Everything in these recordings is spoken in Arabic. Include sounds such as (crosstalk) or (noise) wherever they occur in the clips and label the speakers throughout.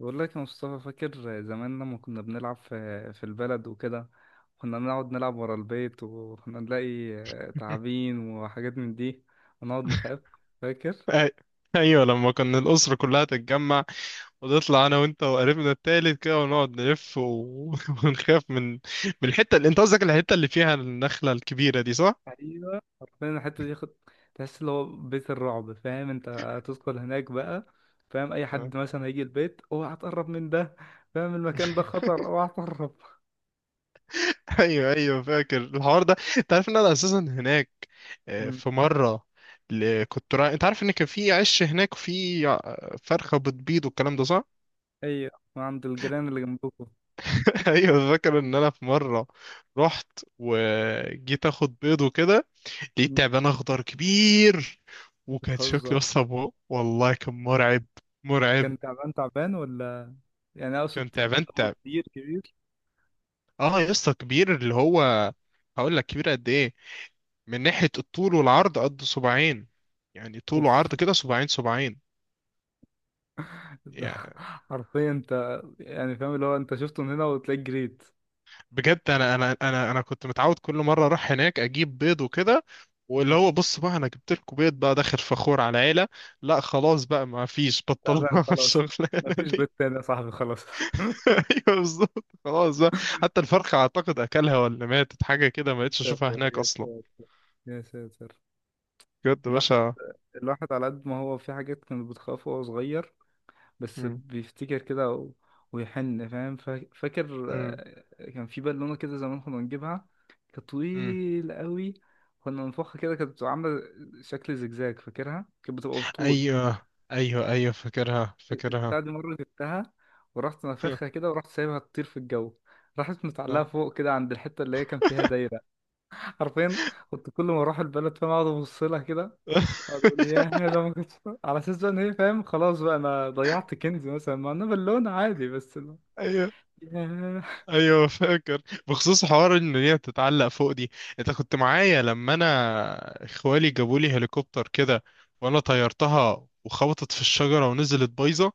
Speaker 1: بقول لك يا مصطفى، فاكر زمان لما كنا بنلعب في البلد وكده؟ كنا نقعد نلعب ورا البيت وكنا نلاقي تعابين وحاجات من دي، ونقعد نخاف. فاكر؟
Speaker 2: أي- ايوه، لما كنا الاسره كلها تتجمع ونطلع انا وانت وقريبنا التالت كده ونقعد نلف (laughs) ونخاف من الحته اللي انت قصدك، الحته اللي فيها النخله الكبيره دي، صح؟
Speaker 1: ايوه. فاهم الحتة دي؟ خد، تحس اللي هو بيت الرعب. فاهم؟ انت هتدخل هناك بقى. فاهم؟ اي
Speaker 2: آه.
Speaker 1: حد مثلا هيجي البيت اوعى تقرب من ده. فاهم؟ المكان ده
Speaker 2: (laughs)
Speaker 1: خطر، اوعى تقرب.
Speaker 2: ايوه ايوه فاكر الحوار ده، انت عارف ان انا اساسا هناك.
Speaker 1: (laughs) مم.
Speaker 2: في مره كنت رايح، انت عارف ان كان في عش هناك وفي فرخه بتبيض والكلام ده، صح؟
Speaker 1: ايوه، وعند الجيران اللي جنبكم.
Speaker 2: (laughs) ايوه فاكر ان انا في مره رحت وجيت اخد بيض وكده، لقيت
Speaker 1: مم.
Speaker 2: تعبان اخضر كبير. وكان
Speaker 1: بتهزر.
Speaker 2: شكله اصلا والله كان مرعب. مرعب.
Speaker 1: كان تعبان تعبان، ولا يعني اقصد،
Speaker 2: كان تعبان
Speaker 1: هو
Speaker 2: تعب.
Speaker 1: كبير كبير؟
Speaker 2: اه يا اسطى، كبير اللي هو، هقول لك كبير قد ايه. من ناحية الطول والعرض قد صباعين، يعني طول
Speaker 1: اوف،
Speaker 2: وعرض كده صباعين صباعين.
Speaker 1: ده.
Speaker 2: يعني
Speaker 1: (laughs) حرفيا انت، يعني فاهم اللي هو انت شفته من هنا وتلاقيك جريت.
Speaker 2: بجد، انا كنت متعود كل مرة اروح هناك اجيب بيض وكده. واللي
Speaker 1: مم.
Speaker 2: هو بص بقى، انا جبت لكم بيض بقى داخل فخور على العيلة. لا خلاص بقى ما فيش،
Speaker 1: تعبان
Speaker 2: بطلنا (laughs)
Speaker 1: خلاص.
Speaker 2: الشغلانة
Speaker 1: مفيش
Speaker 2: دي.
Speaker 1: بيت تاني يا صاحبي، خلاص.
Speaker 2: (laughs) ايوه بالظبط، خلاص بقى. حتى الفرخة اعتقد اكلها ولا ماتت حاجة كده، ما
Speaker 1: يا
Speaker 2: بقتش اشوفها
Speaker 1: ساتر
Speaker 2: هناك
Speaker 1: يا
Speaker 2: اصلا.
Speaker 1: ساتر، يا ساتر.
Speaker 2: بجد يا
Speaker 1: الواحد،
Speaker 2: باشا.
Speaker 1: الواحد على قد ما هو في حاجات كان بتخافه وهو صغير، بس
Speaker 2: مم.
Speaker 1: بيفتكر كده، و... ويحن، فاهم، فاكر
Speaker 2: مم.
Speaker 1: كان في بالونة كده زمان كنا بنجيبها. كانت
Speaker 2: مم.
Speaker 1: طويلة قوي. كنا بنفخها كده كانت بتبقى عاملة شكل زجزاج. فاكرها كانت بتبقى بالطول
Speaker 2: ايوه ايوه ايوه فاكرها فاكرها.
Speaker 1: بتاع دي. مرة جبتها ورحت نافخها
Speaker 2: (laughs)
Speaker 1: كده، ورحت سايبها تطير في الجو. راحت متعلقة
Speaker 2: آه.
Speaker 1: فوق كده عند الحتة اللي هي كان فيها دايرة. حرفيا كنت كل ما أروح البلد، فاهم، أقعد أبص لها كده. أقعد أقول يا
Speaker 2: (laughs)
Speaker 1: ده ما كنتش، على أساس بقى إن هي، فاهم، خلاص بقى أنا ضيعت كنز مثلا، مع إنها بالونة عادي. بس لا.
Speaker 2: ايوه
Speaker 1: ياه.
Speaker 2: ايوه فاكر. بخصوص حوار ان هي تتعلق فوق دي، انت كنت معايا لما انا اخوالي جابوا لي هليكوبتر كده، وانا طيرتها وخبطت في الشجرة ونزلت بايظة.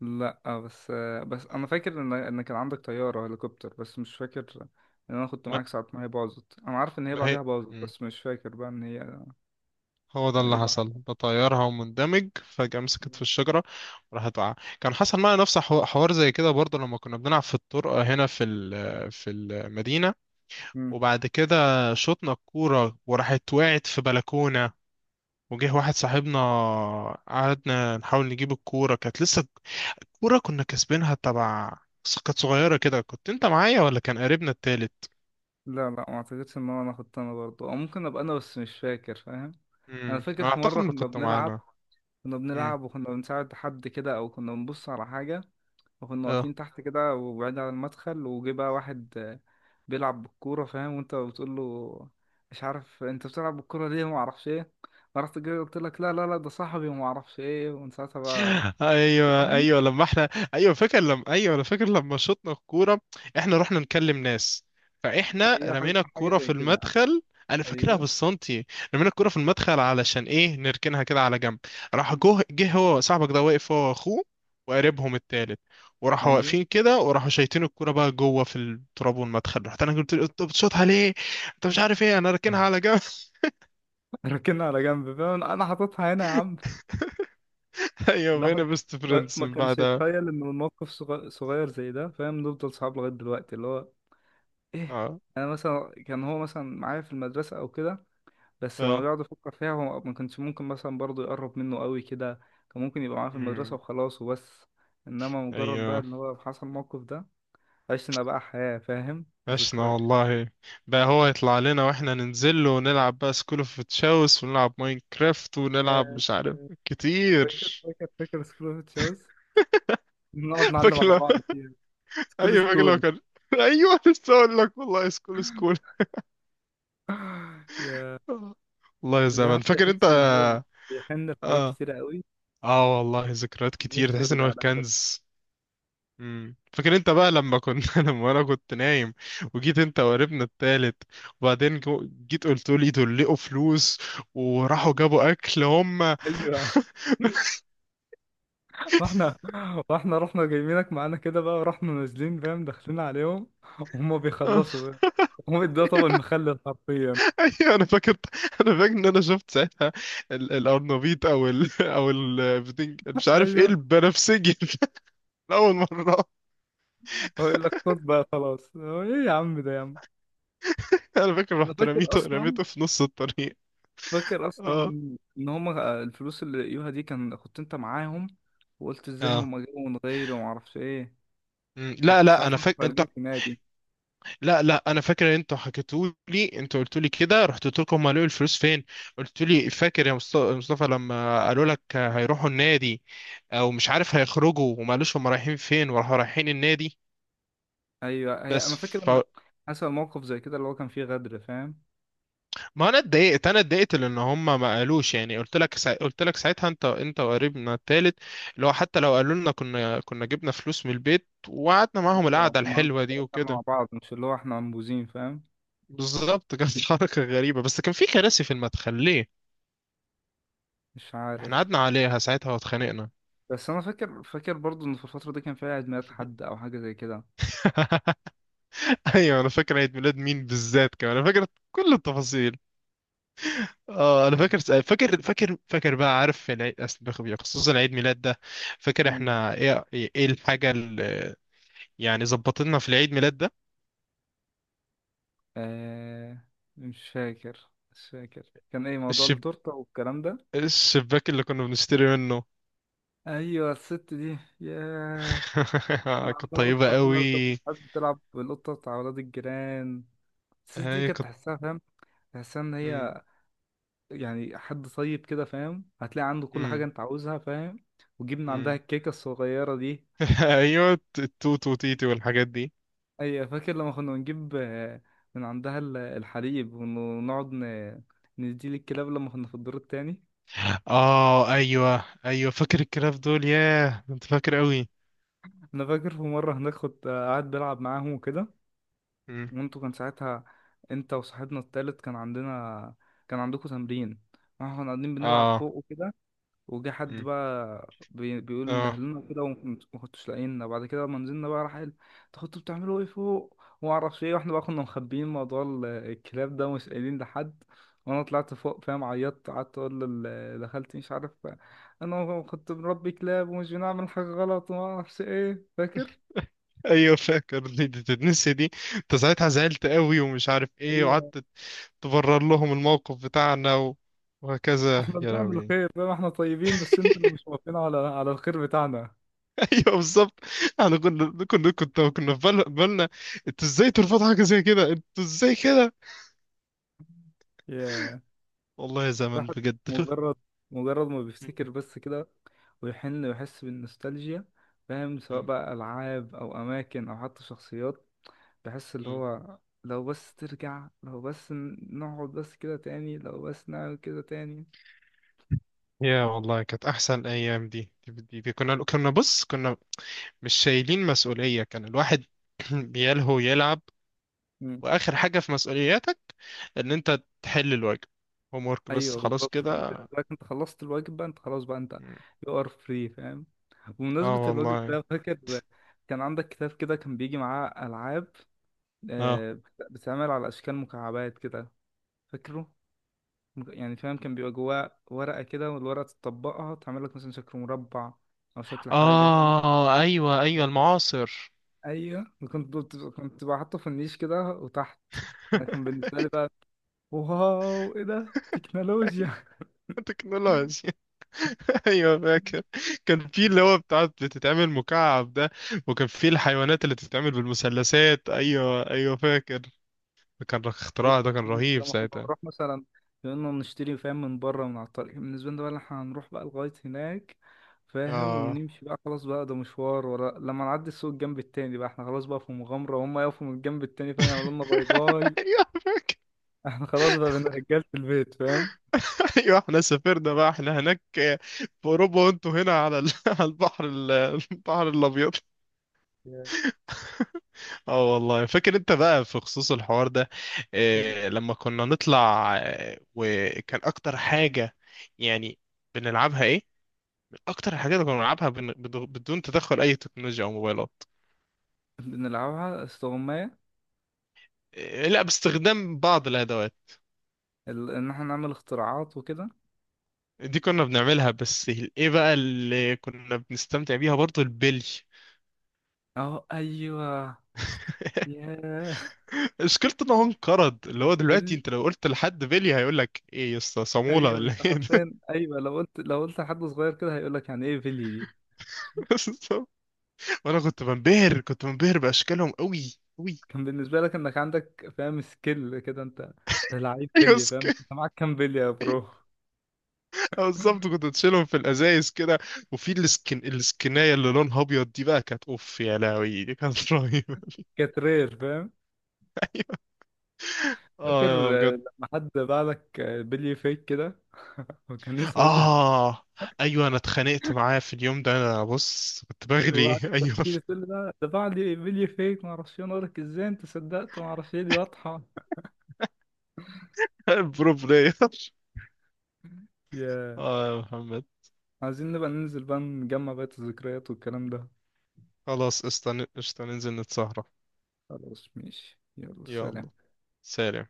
Speaker 1: لا بس بس أنا فاكر إن كان عندك طيارة هليكوبتر، بس مش فاكر إن أنا كنت
Speaker 2: ما
Speaker 1: معاك ساعة ما هي باظت. أنا عارف إن هي
Speaker 2: ما هي،
Speaker 1: بعدها باظت، بس مش فاكر بقى إن هي
Speaker 2: هو ده
Speaker 1: كان إيه
Speaker 2: اللي
Speaker 1: اللي
Speaker 2: حصل،
Speaker 1: حصل.
Speaker 2: بطيرها ومندمج فجأة مسكت في الشجرة وراحت وقع. كان حصل معايا نفس حوار زي كده برضه، لما كنا بنلعب في الطرقة هنا في المدينة.
Speaker 1: مم.
Speaker 2: وبعد كده شطنا الكورة وراحت وقعت في بلكونة، وجه واحد صاحبنا. قعدنا نحاول نجيب الكورة، كانت لسه الكورة كنا كاسبينها تبع. بس كانت صغيرة كده. كنت انت معايا ولا كان قريبنا التالت؟
Speaker 1: لا لا، ما اعتقدش ان انا اخدت انا برضه، او ممكن ابقى انا، بس مش فاكر، فاهم. انا فاكر في
Speaker 2: اعتقد
Speaker 1: مره
Speaker 2: انك
Speaker 1: كنا
Speaker 2: كنت
Speaker 1: بنلعب،
Speaker 2: معانا.
Speaker 1: كنا بنلعب وكنا بنساعد حد كده، او كنا بنبص على حاجه، وكنا
Speaker 2: امم.
Speaker 1: واقفين تحت كده وبعيد عن المدخل، وجه بقى واحد بيلعب بالكوره، فاهم، وانت بتقول له مش عارف انت بتلعب بالكوره ليه وما اعرفش ايه. فرحت جاي قلت لك لا لا لا، ده صاحبي وما اعرفش ايه، ومن ساعتها بقى.
Speaker 2: ايوه
Speaker 1: فاكرهم.
Speaker 2: ايوه، لما احنا، ايوه فاكر لما، ايوه انا فاكر لما شطنا الكوره احنا رحنا نكلم ناس، فاحنا
Speaker 1: ايوه، حاجه
Speaker 2: رمينا
Speaker 1: حاجة
Speaker 2: الكوره
Speaker 1: زي
Speaker 2: في
Speaker 1: كده.
Speaker 2: المدخل. انا فاكرها
Speaker 1: ايوه
Speaker 2: بالسنتي. رمينا الكوره في المدخل علشان ايه؟ نركنها كده على جنب. راح جه هو صاحبك ده واقف هو واخوه وقريبهم التالت، وراحوا
Speaker 1: ايوه.
Speaker 2: واقفين كده وراحوا شايتين الكوره بقى جوه في التراب والمدخل. رحت انا قلت له: انت بتشوطها ليه؟ انت مش عارف ايه،
Speaker 1: (laughs)
Speaker 2: انا راكنها على جنب.
Speaker 1: ركنها على جنب، فاهم، انا حاططها هنا يا عم.
Speaker 2: (laughs) ايوه بقينا
Speaker 1: الواحد
Speaker 2: بيست
Speaker 1: ما
Speaker 2: فريندز
Speaker 1: ما
Speaker 2: من
Speaker 1: كانش
Speaker 2: بعدها.
Speaker 1: يتخيل ان الموقف صغير زي ده، فاهم، نفضل صحاب لغايه دلوقتي، اللي هو ايه.
Speaker 2: اه.
Speaker 1: انا مثلا كان هو مثلا معايا في المدرسه او كده، بس لما
Speaker 2: اه.
Speaker 1: بيقعد يفكر فيها هو ما كانش ممكن مثلا برضه يقرب منه قوي كده. كان ممكن يبقى معايا في المدرسه
Speaker 2: أمم.
Speaker 1: وخلاص وبس. انما مجرد بقى
Speaker 2: ايوه.
Speaker 1: ان هو حصل الموقف ده، عشنا بقى حياه، فاهم،
Speaker 2: عشنا
Speaker 1: ذكريات.
Speaker 2: والله. بقى هو يطلع لنا واحنا ننزل له ونلعب بقى سكول اوف تشاوس، ونلعب ماينكرافت، ونلعب
Speaker 1: يا
Speaker 2: مش عارف كتير.
Speaker 1: فاكر فاكر فاكر سكول اوف تشاوز. نقعد
Speaker 2: (laughs)
Speaker 1: نعلم
Speaker 2: فاكر
Speaker 1: على
Speaker 2: لو-
Speaker 1: بعض فيها. سكول
Speaker 2: ايوه فاكر لو
Speaker 1: سكول.
Speaker 2: كان. (laughs) ايوه لسه اقول لك والله، سكول سكول.
Speaker 1: يا
Speaker 2: (laughs) والله يا
Speaker 1: الواحد
Speaker 2: زمان، فاكر انت.
Speaker 1: بيحس ان هو بيحن لحاجات
Speaker 2: اه.
Speaker 1: كتيرة قوي.
Speaker 2: اه والله ذكريات كتير،
Speaker 1: نص
Speaker 2: تحس ان
Speaker 1: يرجع
Speaker 2: هو
Speaker 1: لها بس.
Speaker 2: كنز. مم. فاكر انت بقى لما كنت، (laughs) لما انا كنت نايم، وجيت انت وقريبنا التالت، وبعدين جيت قلت لي دول لقوا فلوس وراحوا جابوا اكل هم.
Speaker 1: ايوه، واحنا، واحنا رحنا جايبينك معانا كده بقى، ورحنا نازلين، فاهم، داخلين عليهم وهم
Speaker 2: (laughs)
Speaker 1: بيخلصوا. هم ده طبق المخلل حرفيا.
Speaker 2: (laughs) ايوه انا فاكر. انا فاكر ان انا شفت ساعتها الارنبيط، مش عارف ايه
Speaker 1: ايوه،
Speaker 2: البنفسجي. (laughs) اول مره.
Speaker 1: هو يقول لك خد بقى خلاص، هو ايه يا عم ده يا عم.
Speaker 2: انا فاكر
Speaker 1: انا
Speaker 2: رحت
Speaker 1: فاكر
Speaker 2: رميته،
Speaker 1: اصلا،
Speaker 2: رميته في نص الطريق.
Speaker 1: فاكر اصلا
Speaker 2: اه.
Speaker 1: ان هم الفلوس اللي لقيوها دي كان كنت انت معاهم، وقلت ازاي
Speaker 2: اه.
Speaker 1: هم جابوا من غيري وما اعرفش ايه.
Speaker 2: مم. لا
Speaker 1: وكنت
Speaker 2: لا
Speaker 1: ساعات
Speaker 2: انا
Speaker 1: كنا
Speaker 2: فاكر انت،
Speaker 1: خارجين في نادي.
Speaker 2: لا لا انا فاكر ان انتوا حكيتوا لي، انتوا قلتوا لي كده، رحت قلت لكم هم لقوا الفلوس فين؟ قلت لي: فاكر يا مصطفى لما قالوا لك هيروحوا النادي؟ او مش عارف هيخرجوا وما قالوش هم رايحين فين، وراحوا رايحين النادي.
Speaker 1: ايوه، هي انا
Speaker 2: بس.
Speaker 1: فاكر ان حصل موقف زي كده اللي هو كان فيه غدر، فاهم.
Speaker 2: ما انا اتضايقت، انا اتضايقت لان هم ما قالوش. يعني قلت لك قلت لك ساعتها انت، انت وقريبنا التالت، اللي هو حتى لو قالوا لنا كنا، كنا جبنا فلوس من البيت وقعدنا معاهم
Speaker 1: ايوه
Speaker 2: القعده
Speaker 1: كنا
Speaker 2: الحلوه دي
Speaker 1: قعدنا، كنا مع
Speaker 2: وكده.
Speaker 1: بعض، مش اللي هو احنا منبوذين، فاهم.
Speaker 2: بالظبط كانت (laughs) حركه غريبه. بس كان في كراسي في المدخل ليه؟
Speaker 1: مش عارف.
Speaker 2: احنا قعدنا عليها ساعتها واتخانقنا.
Speaker 1: بس انا فاكر، فاكر برضو ان في الفتره دي كان في عيد ميلاد حد او حاجه زي كده.
Speaker 2: (laughs) ايوه انا فاكر عيد ميلاد مين بالذات، كمان انا فاكر كل التفاصيل. اه انا فاكر فاكر فاكر فاكر بقى، عارف العيد، خصوصا عيد ميلاد ده. فاكر
Speaker 1: مم.
Speaker 2: احنا ايه، ايه الحاجه يعني ظبط لنا في العيد ميلاد ده.
Speaker 1: آه، مش فاكر، مش فاكر كان ايه موضوع
Speaker 2: الشب...
Speaker 1: التورته والكلام ده.
Speaker 2: الشباك اللي كنا بنشتري منه.
Speaker 1: ايوه الست دي، ياه.
Speaker 2: (laughs)
Speaker 1: كان
Speaker 2: كانت
Speaker 1: عندها قطه
Speaker 2: طيبة
Speaker 1: كده، كانت
Speaker 2: قوي.
Speaker 1: بتحب تلعب بالقطه بتاع ولاد الجيران. الست دي
Speaker 2: هي
Speaker 1: كانت
Speaker 2: كانت.
Speaker 1: تحسها، فاهم، تحسها ان
Speaker 2: مم.
Speaker 1: هي يعني حد طيب كده، فاهم، هتلاقي عنده كل حاجه
Speaker 2: مم.
Speaker 1: انت عاوزها، فاهم. وجبنا عندها
Speaker 2: مم.
Speaker 1: الكيكه الصغيره دي.
Speaker 2: (laughs) ايوه، التوت وتيتي والحاجات دي.
Speaker 1: ايوه فاكر لما كنا بنجيب من عندها الحليب ونقعد نديه للكلاب لما كنا في الدور التاني.
Speaker 2: اه ايوه ايوه فاكر الكلام دول، ياه انت فاكر قوي.
Speaker 1: انا فاكر في مره هناك كنت قاعد بلعب معاهم وكده،
Speaker 2: مم.
Speaker 1: وانتوا كان ساعتها، انت وصاحبنا التالت كان عندنا، كان عندكم تمرين، واحنا كنا قاعدين بنلعب
Speaker 2: اه.
Speaker 1: فوق وكده، وجه حد
Speaker 2: مم.
Speaker 1: بقى بيقول ان ده
Speaker 2: اه
Speaker 1: لنا كده وما كنتوش لاقينا. بعد كده لما نزلنا بقى راح قال انتوا كنتوا بتعملوا ايه فوق وما اعرفش ايه، واحنا بقى كنا مخبيين موضوع الكلاب ده، مش قايلين لحد. وانا طلعت فوق، فاهم، عيطت، قعدت اقول لخالتي مش عارف، انا كنت بنربي كلاب ومش بنعمل حاجه غلط وما اعرفش ايه، فاكر؟
Speaker 2: ايوه فاكر دي، دي تتنسي دي؟ انت ساعتها زعلت قوي ومش عارف ايه،
Speaker 1: ايوه.
Speaker 2: وقعدت تبرر لهم الموقف بتاعنا وهكذا
Speaker 1: احنا
Speaker 2: يا
Speaker 1: بنعمل
Speaker 2: لهوي.
Speaker 1: خير، فاهم، احنا طيبين، بس انتوا اللي مش موافقين على الخير بتاعنا.
Speaker 2: ايوه بالظبط. احنا كنا في بالنا انتوا ازاي ترفضوا حاجه زي كده، انتوا ازاي كده؟
Speaker 1: ياه.
Speaker 2: والله يا زمن
Speaker 1: الواحد،
Speaker 2: بجد.
Speaker 1: مجرد مجرد ما بيفتكر
Speaker 2: (laughs)
Speaker 1: بس كده ويحن ويحس بالنوستالجيا، فاهم، سواء
Speaker 2: م-
Speaker 1: بقى ألعاب أو أماكن أو حتى شخصيات. بحس اللي
Speaker 2: م-
Speaker 1: هو لو بس ترجع، لو بس نقعد بس كده تاني، لو بس نعمل كده تاني.
Speaker 2: يا والله كانت احسن ايام دي. كنا بص كنا مش شايلين مسؤوليه، كان الواحد بيلهو يلعب.
Speaker 1: مم.
Speaker 2: واخر حاجه في مسؤولياتك ان انت تحل الواجب، هوم ورك بس،
Speaker 1: أيوه
Speaker 2: خلاص
Speaker 1: بالظبط، كان
Speaker 2: كده.
Speaker 1: بالنسبة لك أنت خلصت الواجب بقى أنت، خلاص بقى أنت
Speaker 2: م.
Speaker 1: you are free، فاهم.
Speaker 2: اه
Speaker 1: بمناسبة الواجب
Speaker 2: والله.
Speaker 1: ده، فاكر كان عندك كتاب كده كان بيجي معاه ألعاب،
Speaker 2: اه.
Speaker 1: بتتعمل على أشكال مكعبات كده، فاكره؟ يعني فاهم كان بيبقى جواه ورقة كده، والورقة تطبقها تعمل لك مثلا شكل مربع، أو شكل حاجة، فاهم.
Speaker 2: اه ايوه ايوه المعاصر.
Speaker 1: أيوه، وكنت كنت كنت بحطه في النيش كده وتحت. أنا كان
Speaker 2: (laughs)
Speaker 1: بالنسبة لي بقى، واو، إيه ده، تكنولوجيا.
Speaker 2: تكنولوجيا. (laughs) ايوه فاكر. كان في اللي هو بتاعت بتتعمل مكعب ده، وكان في الحيوانات اللي بتتعمل بالمثلثات، ايوه ايوه فاكر. كان اختراع ده، كان
Speaker 1: ل-
Speaker 2: رهيب
Speaker 1: لما كنا
Speaker 2: ساعتها.
Speaker 1: نروح مثلا، كنا نشتري، فاهم، من بره من على الطريق، كان بالنسبة لنا بقى إن احنا هنروح بقى لغاية هناك، فاهم،
Speaker 2: اه.
Speaker 1: ونمشي بقى خلاص بقى ده مشوار ورا، لما نعدي السوق الجنب التاني بقى احنا خلاص بقى في مغامرة، وهم يقفوا من الجنب التاني، فاهم، يعملوا لنا باي
Speaker 2: (laughs)
Speaker 1: باي.
Speaker 2: ايوه
Speaker 1: احنا خلاص بقى بين رجالة البيت، فاهم.
Speaker 2: ايوه احنا سافرنا بقى، احنا هناك في اوروبا وانتوا هنا على (laughs) على البحر (laughs) البحر الابيض.
Speaker 1: Yeah.
Speaker 2: اه والله فاكر انت بقى في خصوص الحوار ده.
Speaker 1: مم.
Speaker 2: إيه لما كنا نطلع، وكان اكتر حاجة يعني بنلعبها إيه؟ اكتر الحاجات اللي كنا بنلعبها بدون تدخل اي تكنولوجيا او موبايلات.
Speaker 1: بنلعبها استغماية.
Speaker 2: إيه، لا، باستخدام بعض الادوات
Speaker 1: ان احنا نعمل اختراعات وكده.
Speaker 2: دي كنا بنعملها بس. ايه بقى اللي كنا بنستمتع بيها برضو؟ البلي.
Speaker 1: اهو ايوه. ياه.
Speaker 2: (laughs) مشكلته ان هو انقرض، اللي هو دلوقتي
Speaker 1: بال
Speaker 2: انت لو قلت لحد بلي هيقول لك: ايه يا اسطى، صامولة
Speaker 1: ايوه
Speaker 2: ولا
Speaker 1: انت
Speaker 2: ايه ده؟
Speaker 1: حرفيا، ايوه لو قلت لحد صغير كده هيقول لك يعني ايه بلي دي. شوف،
Speaker 2: (laughs) وانا كنت بنبهر، كنت بنبهر باشكالهم قوي قوي.
Speaker 1: كان
Speaker 2: (laughs)
Speaker 1: بالنسبة لك انك عندك، فاهم، سكيل كده انت، ده لعيب
Speaker 2: ايوه
Speaker 1: بلي، فاهم، انت معاك كام بلي يا
Speaker 2: أيوة،
Speaker 1: برو.
Speaker 2: بالظبط كنت تشيلهم في الازايز كده. وفي السكن، السكنايه اللي لونها ابيض دي بقى كانت اوف يا لهوي، دي كانت (laughs) رهيبه.
Speaker 1: كانت رير، فاهم. فاكر
Speaker 2: اه بجد.
Speaker 1: لما حد باع لك بلي فيك كده (laughs) وكان اسود.
Speaker 2: اه ايوه انا اتخانقت معاه في اليوم ده، انا بص كنت بغلي.
Speaker 1: وقعدت
Speaker 2: (laughs) ايوه
Speaker 1: تحكي لي تقول لي ده بعد فيديو فيك ما اعرفش إيه. انا اقول لك ازاي انت صدقت، ما اعرفش ايه، دي واضحه.
Speaker 2: برو بلاير.
Speaker 1: يا
Speaker 2: اه يا محمد.
Speaker 1: عايزين نبقى ننزل بقى نجمع بقية الذكريات والكلام ده.
Speaker 2: خلاص قشطة قشطة، ننزل نتسهرة.
Speaker 1: خلاص ماشي، يلا
Speaker 2: يلا
Speaker 1: سلام.
Speaker 2: سلام.